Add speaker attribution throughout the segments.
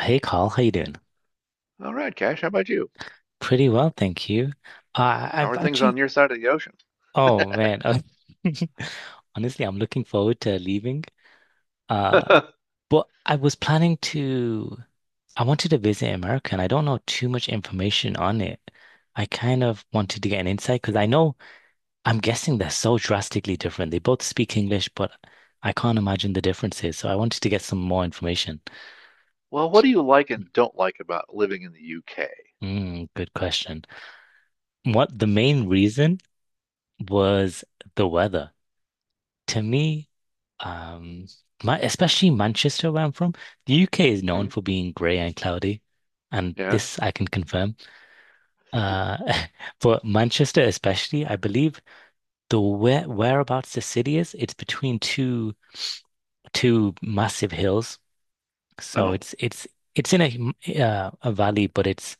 Speaker 1: Hey Carl, how you doing?
Speaker 2: All right, Cash, how about you?
Speaker 1: Pretty well, thank you.
Speaker 2: How
Speaker 1: I've
Speaker 2: are things on
Speaker 1: actually,
Speaker 2: your side of the ocean?
Speaker 1: oh man, honestly, I'm looking forward to leaving. Uh, but I was I wanted to visit America, and I don't know too much information on it. I kind of wanted to get an insight because I know I'm guessing they're so drastically different. They both speak English, but I can't imagine the differences. So I wanted to get some more information.
Speaker 2: Well, what do you like and don't like about living in the UK?
Speaker 1: Mm, good question. What the main reason was the weather. To me, um, my especially Manchester, where I'm from, the UK is
Speaker 2: Hmm?
Speaker 1: known for being grey and cloudy, and
Speaker 2: Yeah.
Speaker 1: this I can confirm. Uh, but Manchester, especially, I believe the whereabouts the city is, it's between two massive hills, so
Speaker 2: Oh.
Speaker 1: it's in a valley, but it's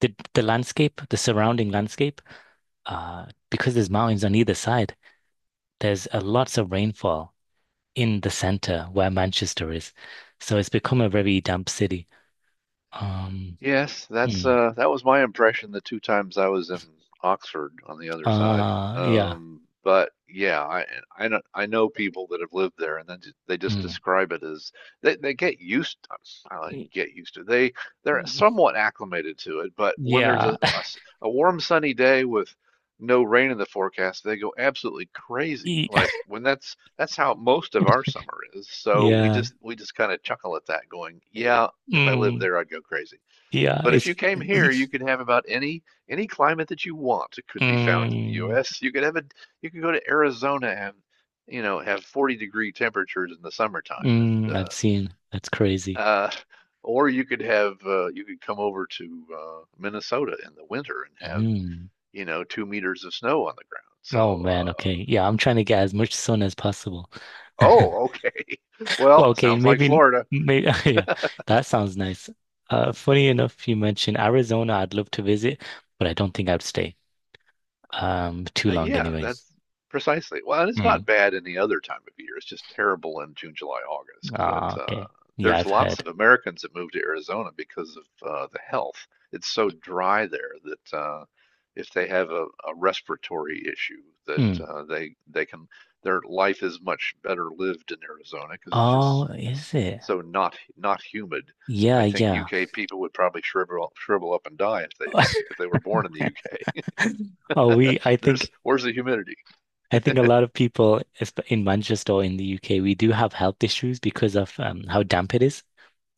Speaker 1: the landscape, the surrounding landscape, because there's mountains on either side. There's lots of rainfall in the center where Manchester is. So it's become a very damp city. Um,
Speaker 2: Yes, that's
Speaker 1: mm,
Speaker 2: uh that was my impression the two times I was in Oxford on the other side.
Speaker 1: yeah.
Speaker 2: But yeah, I know I know people that have lived there and then they just
Speaker 1: Mm,
Speaker 2: describe it as they
Speaker 1: y-
Speaker 2: get used to they they're
Speaker 1: y-
Speaker 2: somewhat acclimated to it, but when there's
Speaker 1: yeah.
Speaker 2: a a warm sunny day with no rain in the forecast, they go absolutely crazy.
Speaker 1: y-
Speaker 2: Like when that's how most of our summer is. So
Speaker 1: Yeah.
Speaker 2: we just kind of chuckle at that going, yeah, if I lived
Speaker 1: Mm,
Speaker 2: there, I'd go crazy.
Speaker 1: yeah.
Speaker 2: But if you came here, you could have about any climate that you want. It could be found in the
Speaker 1: Mm,
Speaker 2: U.S. You could have a you could go to Arizona and, you know, have 40-degree temperatures in the summertime,
Speaker 1: mm,
Speaker 2: and
Speaker 1: I've seen. That's crazy.
Speaker 2: uh, or you could have you could come over to Minnesota in the winter and have,
Speaker 1: Mm.
Speaker 2: you know, two meters of snow on the ground.
Speaker 1: Oh man, okay. Yeah, I'm trying to get as much sun as possible.
Speaker 2: Oh, okay,
Speaker 1: Well,
Speaker 2: well,
Speaker 1: okay,
Speaker 2: sounds like
Speaker 1: maybe,
Speaker 2: Florida.
Speaker 1: maybe, yeah, that sounds nice. Funny enough, you mentioned Arizona. I'd love to visit, but I don't think I'd stay. Too long
Speaker 2: Yeah,
Speaker 1: anyway.
Speaker 2: that's precisely. Well, and it's
Speaker 1: Mm.
Speaker 2: not bad any other time of year. It's just terrible in June, July, August.
Speaker 1: Ah,
Speaker 2: But
Speaker 1: okay. Yeah,
Speaker 2: There's
Speaker 1: I've
Speaker 2: lots
Speaker 1: heard.
Speaker 2: of Americans that move to Arizona because of the health. It's so dry there that if they have a respiratory issue, that
Speaker 1: Mm.
Speaker 2: they can their life is much better lived in Arizona because it's
Speaker 1: Oh,
Speaker 2: just
Speaker 1: is it?
Speaker 2: so not not humid.
Speaker 1: Yeah,
Speaker 2: I think
Speaker 1: yeah.
Speaker 2: UK people would probably shrivel up and die if they were born in the UK.
Speaker 1: Oh, we, I think,
Speaker 2: There's where's the humidity?
Speaker 1: I think a lot of people in Manchester or in the UK, we do have health issues because of how damp it is.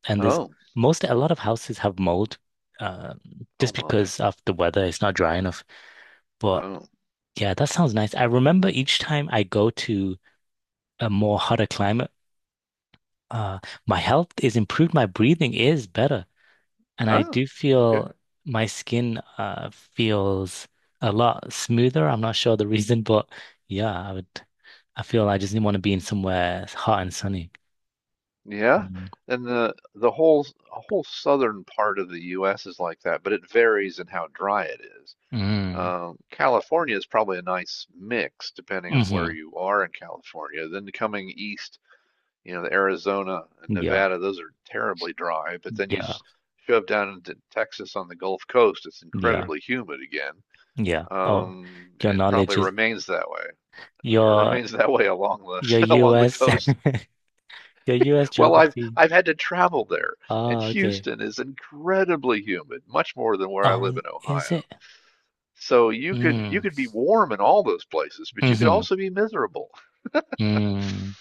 Speaker 1: And there's
Speaker 2: Oh,
Speaker 1: a lot of houses have mold, um,
Speaker 2: oh
Speaker 1: just
Speaker 2: my.
Speaker 1: because of the weather. It's not dry enough. But
Speaker 2: Oh,
Speaker 1: yeah, that sounds nice. I remember each time I go to a more hotter climate, uh, my health is improved. My breathing is better. And I
Speaker 2: ah,
Speaker 1: do
Speaker 2: okay,
Speaker 1: feel my skin feels a lot smoother. I'm not sure the reason, but yeah, I would. I feel like I just didn't want to be in somewhere hot and sunny.
Speaker 2: yeah.
Speaker 1: Mm.
Speaker 2: And the whole southern part of the U.S. is like that, but it varies in how dry it is.
Speaker 1: Mm.
Speaker 2: California is probably a nice mix depending on
Speaker 1: Hmm.
Speaker 2: where you are in California. Then coming east, you know, the Arizona and
Speaker 1: Yeah,
Speaker 2: Nevada, those are terribly dry. But then you
Speaker 1: yeah,
Speaker 2: shove down into Texas on the Gulf Coast, it's
Speaker 1: yeah, sure,
Speaker 2: incredibly humid again.
Speaker 1: yeah. Oh, your
Speaker 2: It probably
Speaker 1: knowledge is
Speaker 2: remains that way. It
Speaker 1: your
Speaker 2: remains that way along
Speaker 1: your
Speaker 2: the along the
Speaker 1: US,
Speaker 2: coast.
Speaker 1: your US
Speaker 2: Well,
Speaker 1: geography.
Speaker 2: I've had to travel there, and
Speaker 1: Oh, okay.
Speaker 2: Houston is incredibly humid, much more than where I
Speaker 1: Oh,
Speaker 2: live
Speaker 1: right.
Speaker 2: in
Speaker 1: Is
Speaker 2: Ohio.
Speaker 1: it?
Speaker 2: So you could
Speaker 1: Mm.
Speaker 2: be warm in all those places, but you could
Speaker 1: Hmm.
Speaker 2: also be miserable,
Speaker 1: Mm.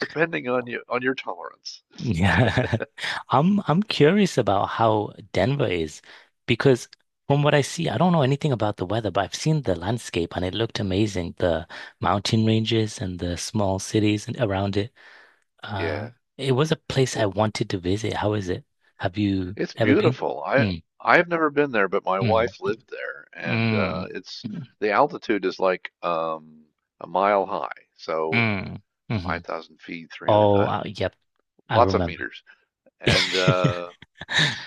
Speaker 2: depending on your tolerance.
Speaker 1: Yeah. I'm curious about how Denver is because from what I see, I don't know anything about the weather, but I've seen the landscape and it looked amazing. The mountain ranges and the small cities and around it. Uh,
Speaker 2: Yeah,
Speaker 1: it was a place I
Speaker 2: it
Speaker 1: wanted to visit. How is it? Have you
Speaker 2: it's
Speaker 1: ever been?
Speaker 2: beautiful.
Speaker 1: Mm,
Speaker 2: I've never been there, but my
Speaker 1: mm,
Speaker 2: wife lived there, and
Speaker 1: mm,
Speaker 2: it's
Speaker 1: mm,
Speaker 2: the altitude is like, a mile high, so
Speaker 1: mm, mhm.
Speaker 2: 5,000 feet, 300.
Speaker 1: Oh, yep. I
Speaker 2: Lots of
Speaker 1: remember.
Speaker 2: meters. And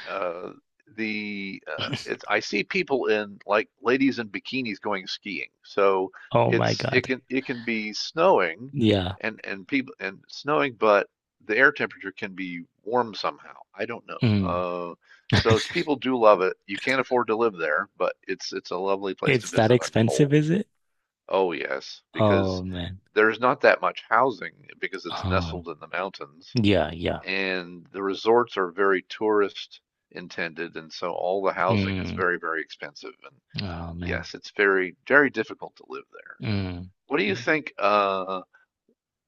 Speaker 2: uh the It's, I see people, in like ladies in bikinis going skiing, so
Speaker 1: Oh my
Speaker 2: it
Speaker 1: God.
Speaker 2: can, be snowing
Speaker 1: Yeah.
Speaker 2: and people and snowing, but the air temperature can be warm somehow. I don't know,
Speaker 1: Mm.
Speaker 2: so people do love it. You can't afford to live there, but it's a lovely place to
Speaker 1: It's that
Speaker 2: visit, I'm
Speaker 1: expensive,
Speaker 2: told.
Speaker 1: is it?
Speaker 2: Oh, yes,
Speaker 1: Oh
Speaker 2: because
Speaker 1: man.
Speaker 2: there's not that much housing because it's
Speaker 1: Oh
Speaker 2: nestled in the mountains,
Speaker 1: yeah, yeah.
Speaker 2: and the resorts are very tourist intended, and so all the housing is
Speaker 1: Mm.
Speaker 2: very, very expensive. And
Speaker 1: Oh man.
Speaker 2: yes, it's very, very difficult to live there.
Speaker 1: Mm.
Speaker 2: What do you think,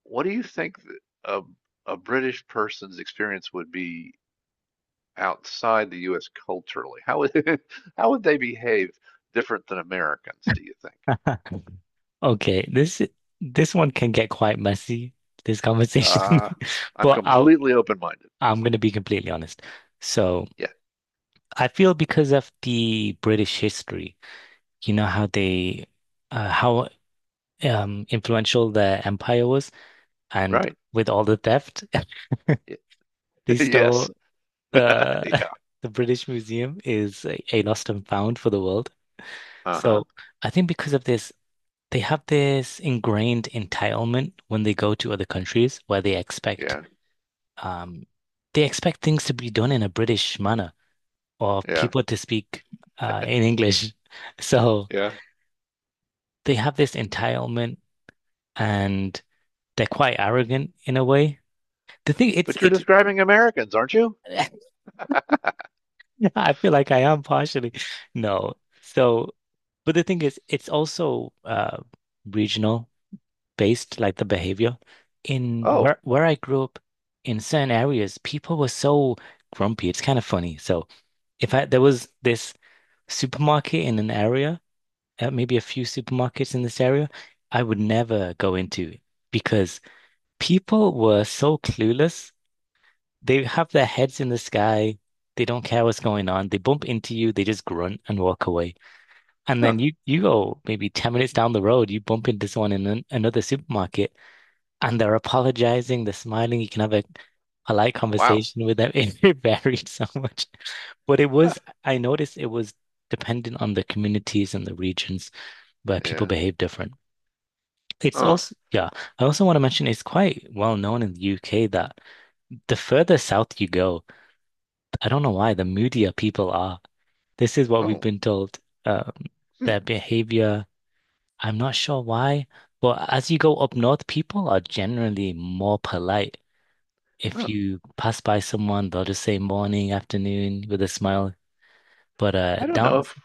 Speaker 2: what do you think th- a, a British person's experience would be outside the US culturally? How would how would they behave different than Americans, do you think?
Speaker 1: Okay, this one can get quite messy, this conversation.
Speaker 2: uh I'm
Speaker 1: But I'll
Speaker 2: completely open-minded.
Speaker 1: I'm gonna be completely honest. So
Speaker 2: Yeah,
Speaker 1: I feel because of the British history, you know how they how influential their empire was, and
Speaker 2: right,
Speaker 1: with all the theft,
Speaker 2: yeah.
Speaker 1: they
Speaker 2: Yes,
Speaker 1: stole the,
Speaker 2: yeah,
Speaker 1: the British Museum is a lost and found for the world.
Speaker 2: uh-huh,
Speaker 1: So I think because of this, they have this ingrained entitlement when they go to other countries where they expect
Speaker 2: yeah,
Speaker 1: um, things to be done in a British manner or, yeah,
Speaker 2: yeah,
Speaker 1: people to speak in English. So
Speaker 2: yeah.
Speaker 1: they have this entitlement and they're quite arrogant in a way. The thing, it's,
Speaker 2: But you're
Speaker 1: it.
Speaker 2: describing Americans, aren't you?
Speaker 1: I feel like I am partially no. So but the thing is it's also regional, based like the behavior. In
Speaker 2: Oh,
Speaker 1: where I grew up, in certain areas, people were so grumpy. It's kind of funny. So if I there was this supermarket in an area, maybe a few supermarkets in this area, I would never go into because people were so clueless. They have their heads in the sky. They don't care what's going on. They bump into you, they just grunt and walk away. And
Speaker 2: huh.
Speaker 1: then you go maybe 10 minutes down the road, you bump into someone in another supermarket and they're apologizing, they're smiling. You can have a polite
Speaker 2: Wow.
Speaker 1: conversation with them. It varied so much. But it
Speaker 2: Huh.
Speaker 1: was, I noticed it was dependent on the communities and the regions where people
Speaker 2: Yeah.
Speaker 1: behave different. It's
Speaker 2: Huh.
Speaker 1: also, yeah, I also want to mention it's quite well known in the UK that the further south you go, I don't know why, the moodier people are. This is what we've
Speaker 2: Oh.
Speaker 1: been told. Um,
Speaker 2: Hmm.
Speaker 1: their behavior, I'm not sure why, but as you go up north, people are generally more polite. If
Speaker 2: Huh.
Speaker 1: you pass by someone, they'll just say morning, afternoon with a smile. But
Speaker 2: I don't know
Speaker 1: down,
Speaker 2: if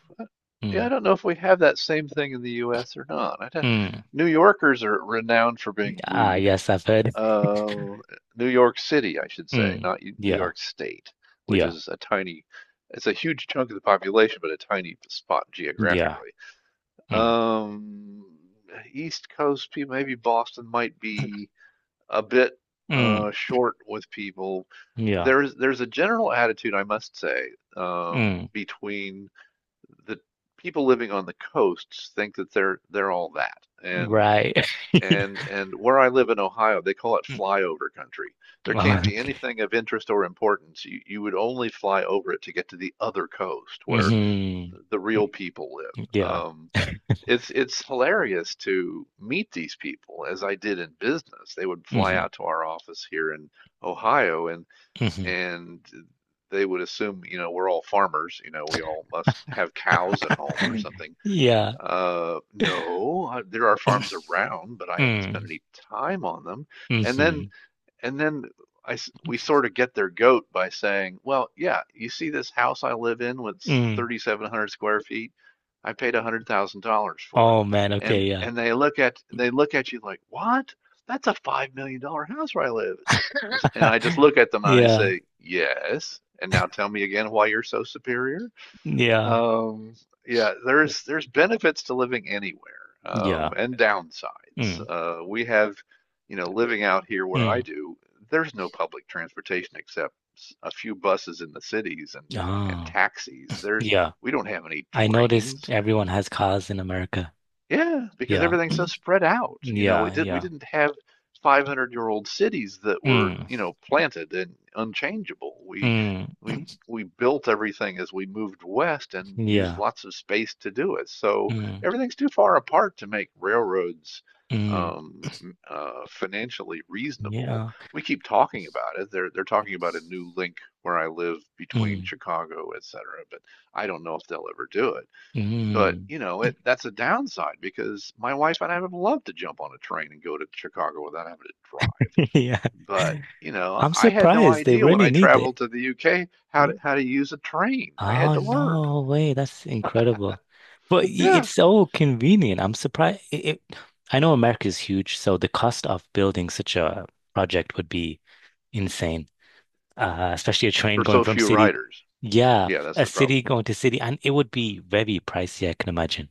Speaker 2: Yeah, I
Speaker 1: mm,
Speaker 2: don't know if we have that same thing in the U.S. or not.
Speaker 1: mm.
Speaker 2: New Yorkers are renowned for being
Speaker 1: Ah
Speaker 2: rude.
Speaker 1: yes, I've heard.
Speaker 2: Uh, New York City, I should say,
Speaker 1: Mm,
Speaker 2: not New
Speaker 1: yeah,
Speaker 2: York State, which
Speaker 1: yeah,
Speaker 2: is it's a huge chunk of the population, but a tiny spot
Speaker 1: yeah.
Speaker 2: geographically.
Speaker 1: Mm,
Speaker 2: Um, East Coast people, maybe Boston might be a bit
Speaker 1: mm,
Speaker 2: uh, short with people.
Speaker 1: yeah.
Speaker 2: There's a general attitude, I must say,
Speaker 1: Mm,
Speaker 2: between the people living on the coasts think that they're all that. And
Speaker 1: right.
Speaker 2: and where I live in Ohio, they call it flyover country. There
Speaker 1: Mm,
Speaker 2: can't be anything of interest or importance. You would only fly over it to get to the other coast where
Speaker 1: mhm,
Speaker 2: the real people
Speaker 1: mm,
Speaker 2: live.
Speaker 1: yeah.
Speaker 2: Um, it's hilarious to meet these people as I did in business. They would fly
Speaker 1: Mhm,
Speaker 2: out to our office here in Ohio
Speaker 1: mhm.
Speaker 2: and they would assume, you know, we're all farmers, you know, we all must have cows at home or something.
Speaker 1: Yeah.
Speaker 2: No, there are farms around, but I haven't spent
Speaker 1: Mm,
Speaker 2: any time on them. And then
Speaker 1: mhm,
Speaker 2: and then I We sort of get their goat by saying, well, yeah, you see this house I live in with
Speaker 1: mm.
Speaker 2: 3,700 square feet? I paid $100,000 for it.
Speaker 1: Oh man,
Speaker 2: And
Speaker 1: okay, yeah.
Speaker 2: they look at you like, what? That's a $5 million house where I live. And I just look at them and I
Speaker 1: Yeah.
Speaker 2: say, yes. And now tell me again why you're so superior.
Speaker 1: Yeah.
Speaker 2: Um, yeah, there's benefits to living anywhere,
Speaker 1: Yeah.
Speaker 2: and downsides.
Speaker 1: Mm,
Speaker 2: We have, you know, living out here where I
Speaker 1: mm.
Speaker 2: do, there's no public transportation except a few buses in the cities and
Speaker 1: Ah,
Speaker 2: taxis. There's
Speaker 1: yeah.
Speaker 2: We don't have any
Speaker 1: I noticed
Speaker 2: trains.
Speaker 1: everyone has cars in America.
Speaker 2: Yeah, because
Speaker 1: Yeah.
Speaker 2: everything's so spread out.
Speaker 1: Yeah.
Speaker 2: We
Speaker 1: Yeah.
Speaker 2: didn't have 500-year-old cities that were,
Speaker 1: Mm.
Speaker 2: you know, planted and unchangeable.
Speaker 1: Mm.
Speaker 2: We we built everything as we moved west and used
Speaker 1: Yeah.
Speaker 2: lots of space to do it. So
Speaker 1: Mm.
Speaker 2: everything's too far apart to make railroads,
Speaker 1: Mm.
Speaker 2: financially reasonable.
Speaker 1: Yeah.
Speaker 2: We keep talking about it. They're talking about a new link where I live between
Speaker 1: Mm.
Speaker 2: Chicago, et cetera, but I don't know if they'll ever do it. But
Speaker 1: Mm.
Speaker 2: you know, it that's a downside because my wife and I would love to jump on a train and go to Chicago without having to drive.
Speaker 1: Yeah.
Speaker 2: But you know,
Speaker 1: I'm
Speaker 2: I had no
Speaker 1: surprised they
Speaker 2: idea when
Speaker 1: really
Speaker 2: I
Speaker 1: need it.
Speaker 2: traveled to the UK
Speaker 1: Y-
Speaker 2: how to use a train. I had
Speaker 1: Oh
Speaker 2: to learn.
Speaker 1: no way, that's incredible.
Speaker 2: Yeah,
Speaker 1: It's so convenient. I'm surprised, I know America is huge, so the cost of building such a project would be insane. Especially a train
Speaker 2: for
Speaker 1: going
Speaker 2: so
Speaker 1: from
Speaker 2: few
Speaker 1: city.
Speaker 2: riders.
Speaker 1: Yeah,
Speaker 2: Yeah, that's
Speaker 1: a
Speaker 2: the problem.
Speaker 1: city going to city, and it would be very pricey, I can imagine.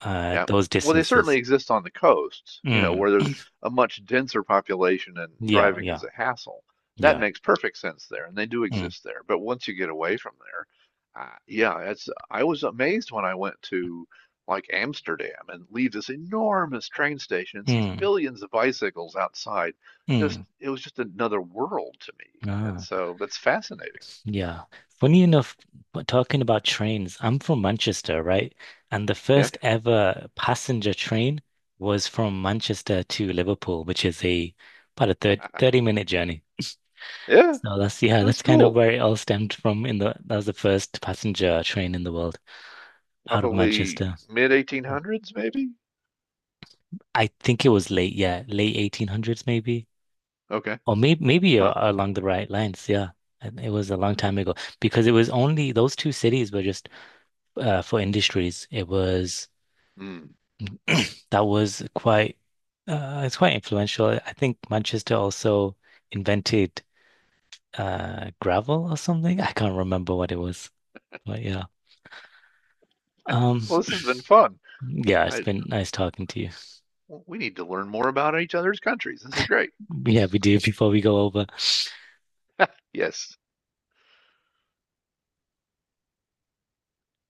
Speaker 2: Yeah.
Speaker 1: Those
Speaker 2: Well, they certainly
Speaker 1: distances.
Speaker 2: exist on the coasts, you know,
Speaker 1: Mm,
Speaker 2: where there's a much denser population and
Speaker 1: yeah, right,
Speaker 2: driving
Speaker 1: yeah,
Speaker 2: is a hassle. That
Speaker 1: yeah.
Speaker 2: makes perfect sense there, and they do
Speaker 1: Mm,
Speaker 2: exist there. But once you get away from there, yeah, it's, I was amazed when I went to like Amsterdam and leave this enormous train station and see
Speaker 1: mm,
Speaker 2: billions of bicycles outside. Just,
Speaker 1: mm.
Speaker 2: it was just another world to me. And
Speaker 1: Ah,
Speaker 2: so that's fascinating.
Speaker 1: yeah. Funny enough, but talking about trains, I'm from Manchester, right? And the
Speaker 2: Yeah.
Speaker 1: first ever passenger train was from Manchester to Liverpool, which is a about a thirty thirty minute journey.
Speaker 2: Yeah,
Speaker 1: So that's yeah,
Speaker 2: that's
Speaker 1: that's kind of
Speaker 2: cool.
Speaker 1: where it all stemmed from in the that was the first passenger train in the world out of Manchester.
Speaker 2: Probably mid 1800s, maybe?
Speaker 1: I think it was late, yeah, late 1800s maybe.
Speaker 2: Okay.
Speaker 1: Or maybe
Speaker 2: Huh.
Speaker 1: along the right lines, yeah. And it was a long time ago because it was only those two cities were just for industries. It was
Speaker 2: Mm.
Speaker 1: that was quite, it's quite influential. I think Manchester also invented gravel or something. I can't remember what it was, but yeah. um.
Speaker 2: Well, this has been fun.
Speaker 1: Yeah, it's
Speaker 2: I
Speaker 1: been nice talking to you.
Speaker 2: We need to learn more about each other's countries. This is great.
Speaker 1: Yeah, we do. Before we go over,
Speaker 2: Yes.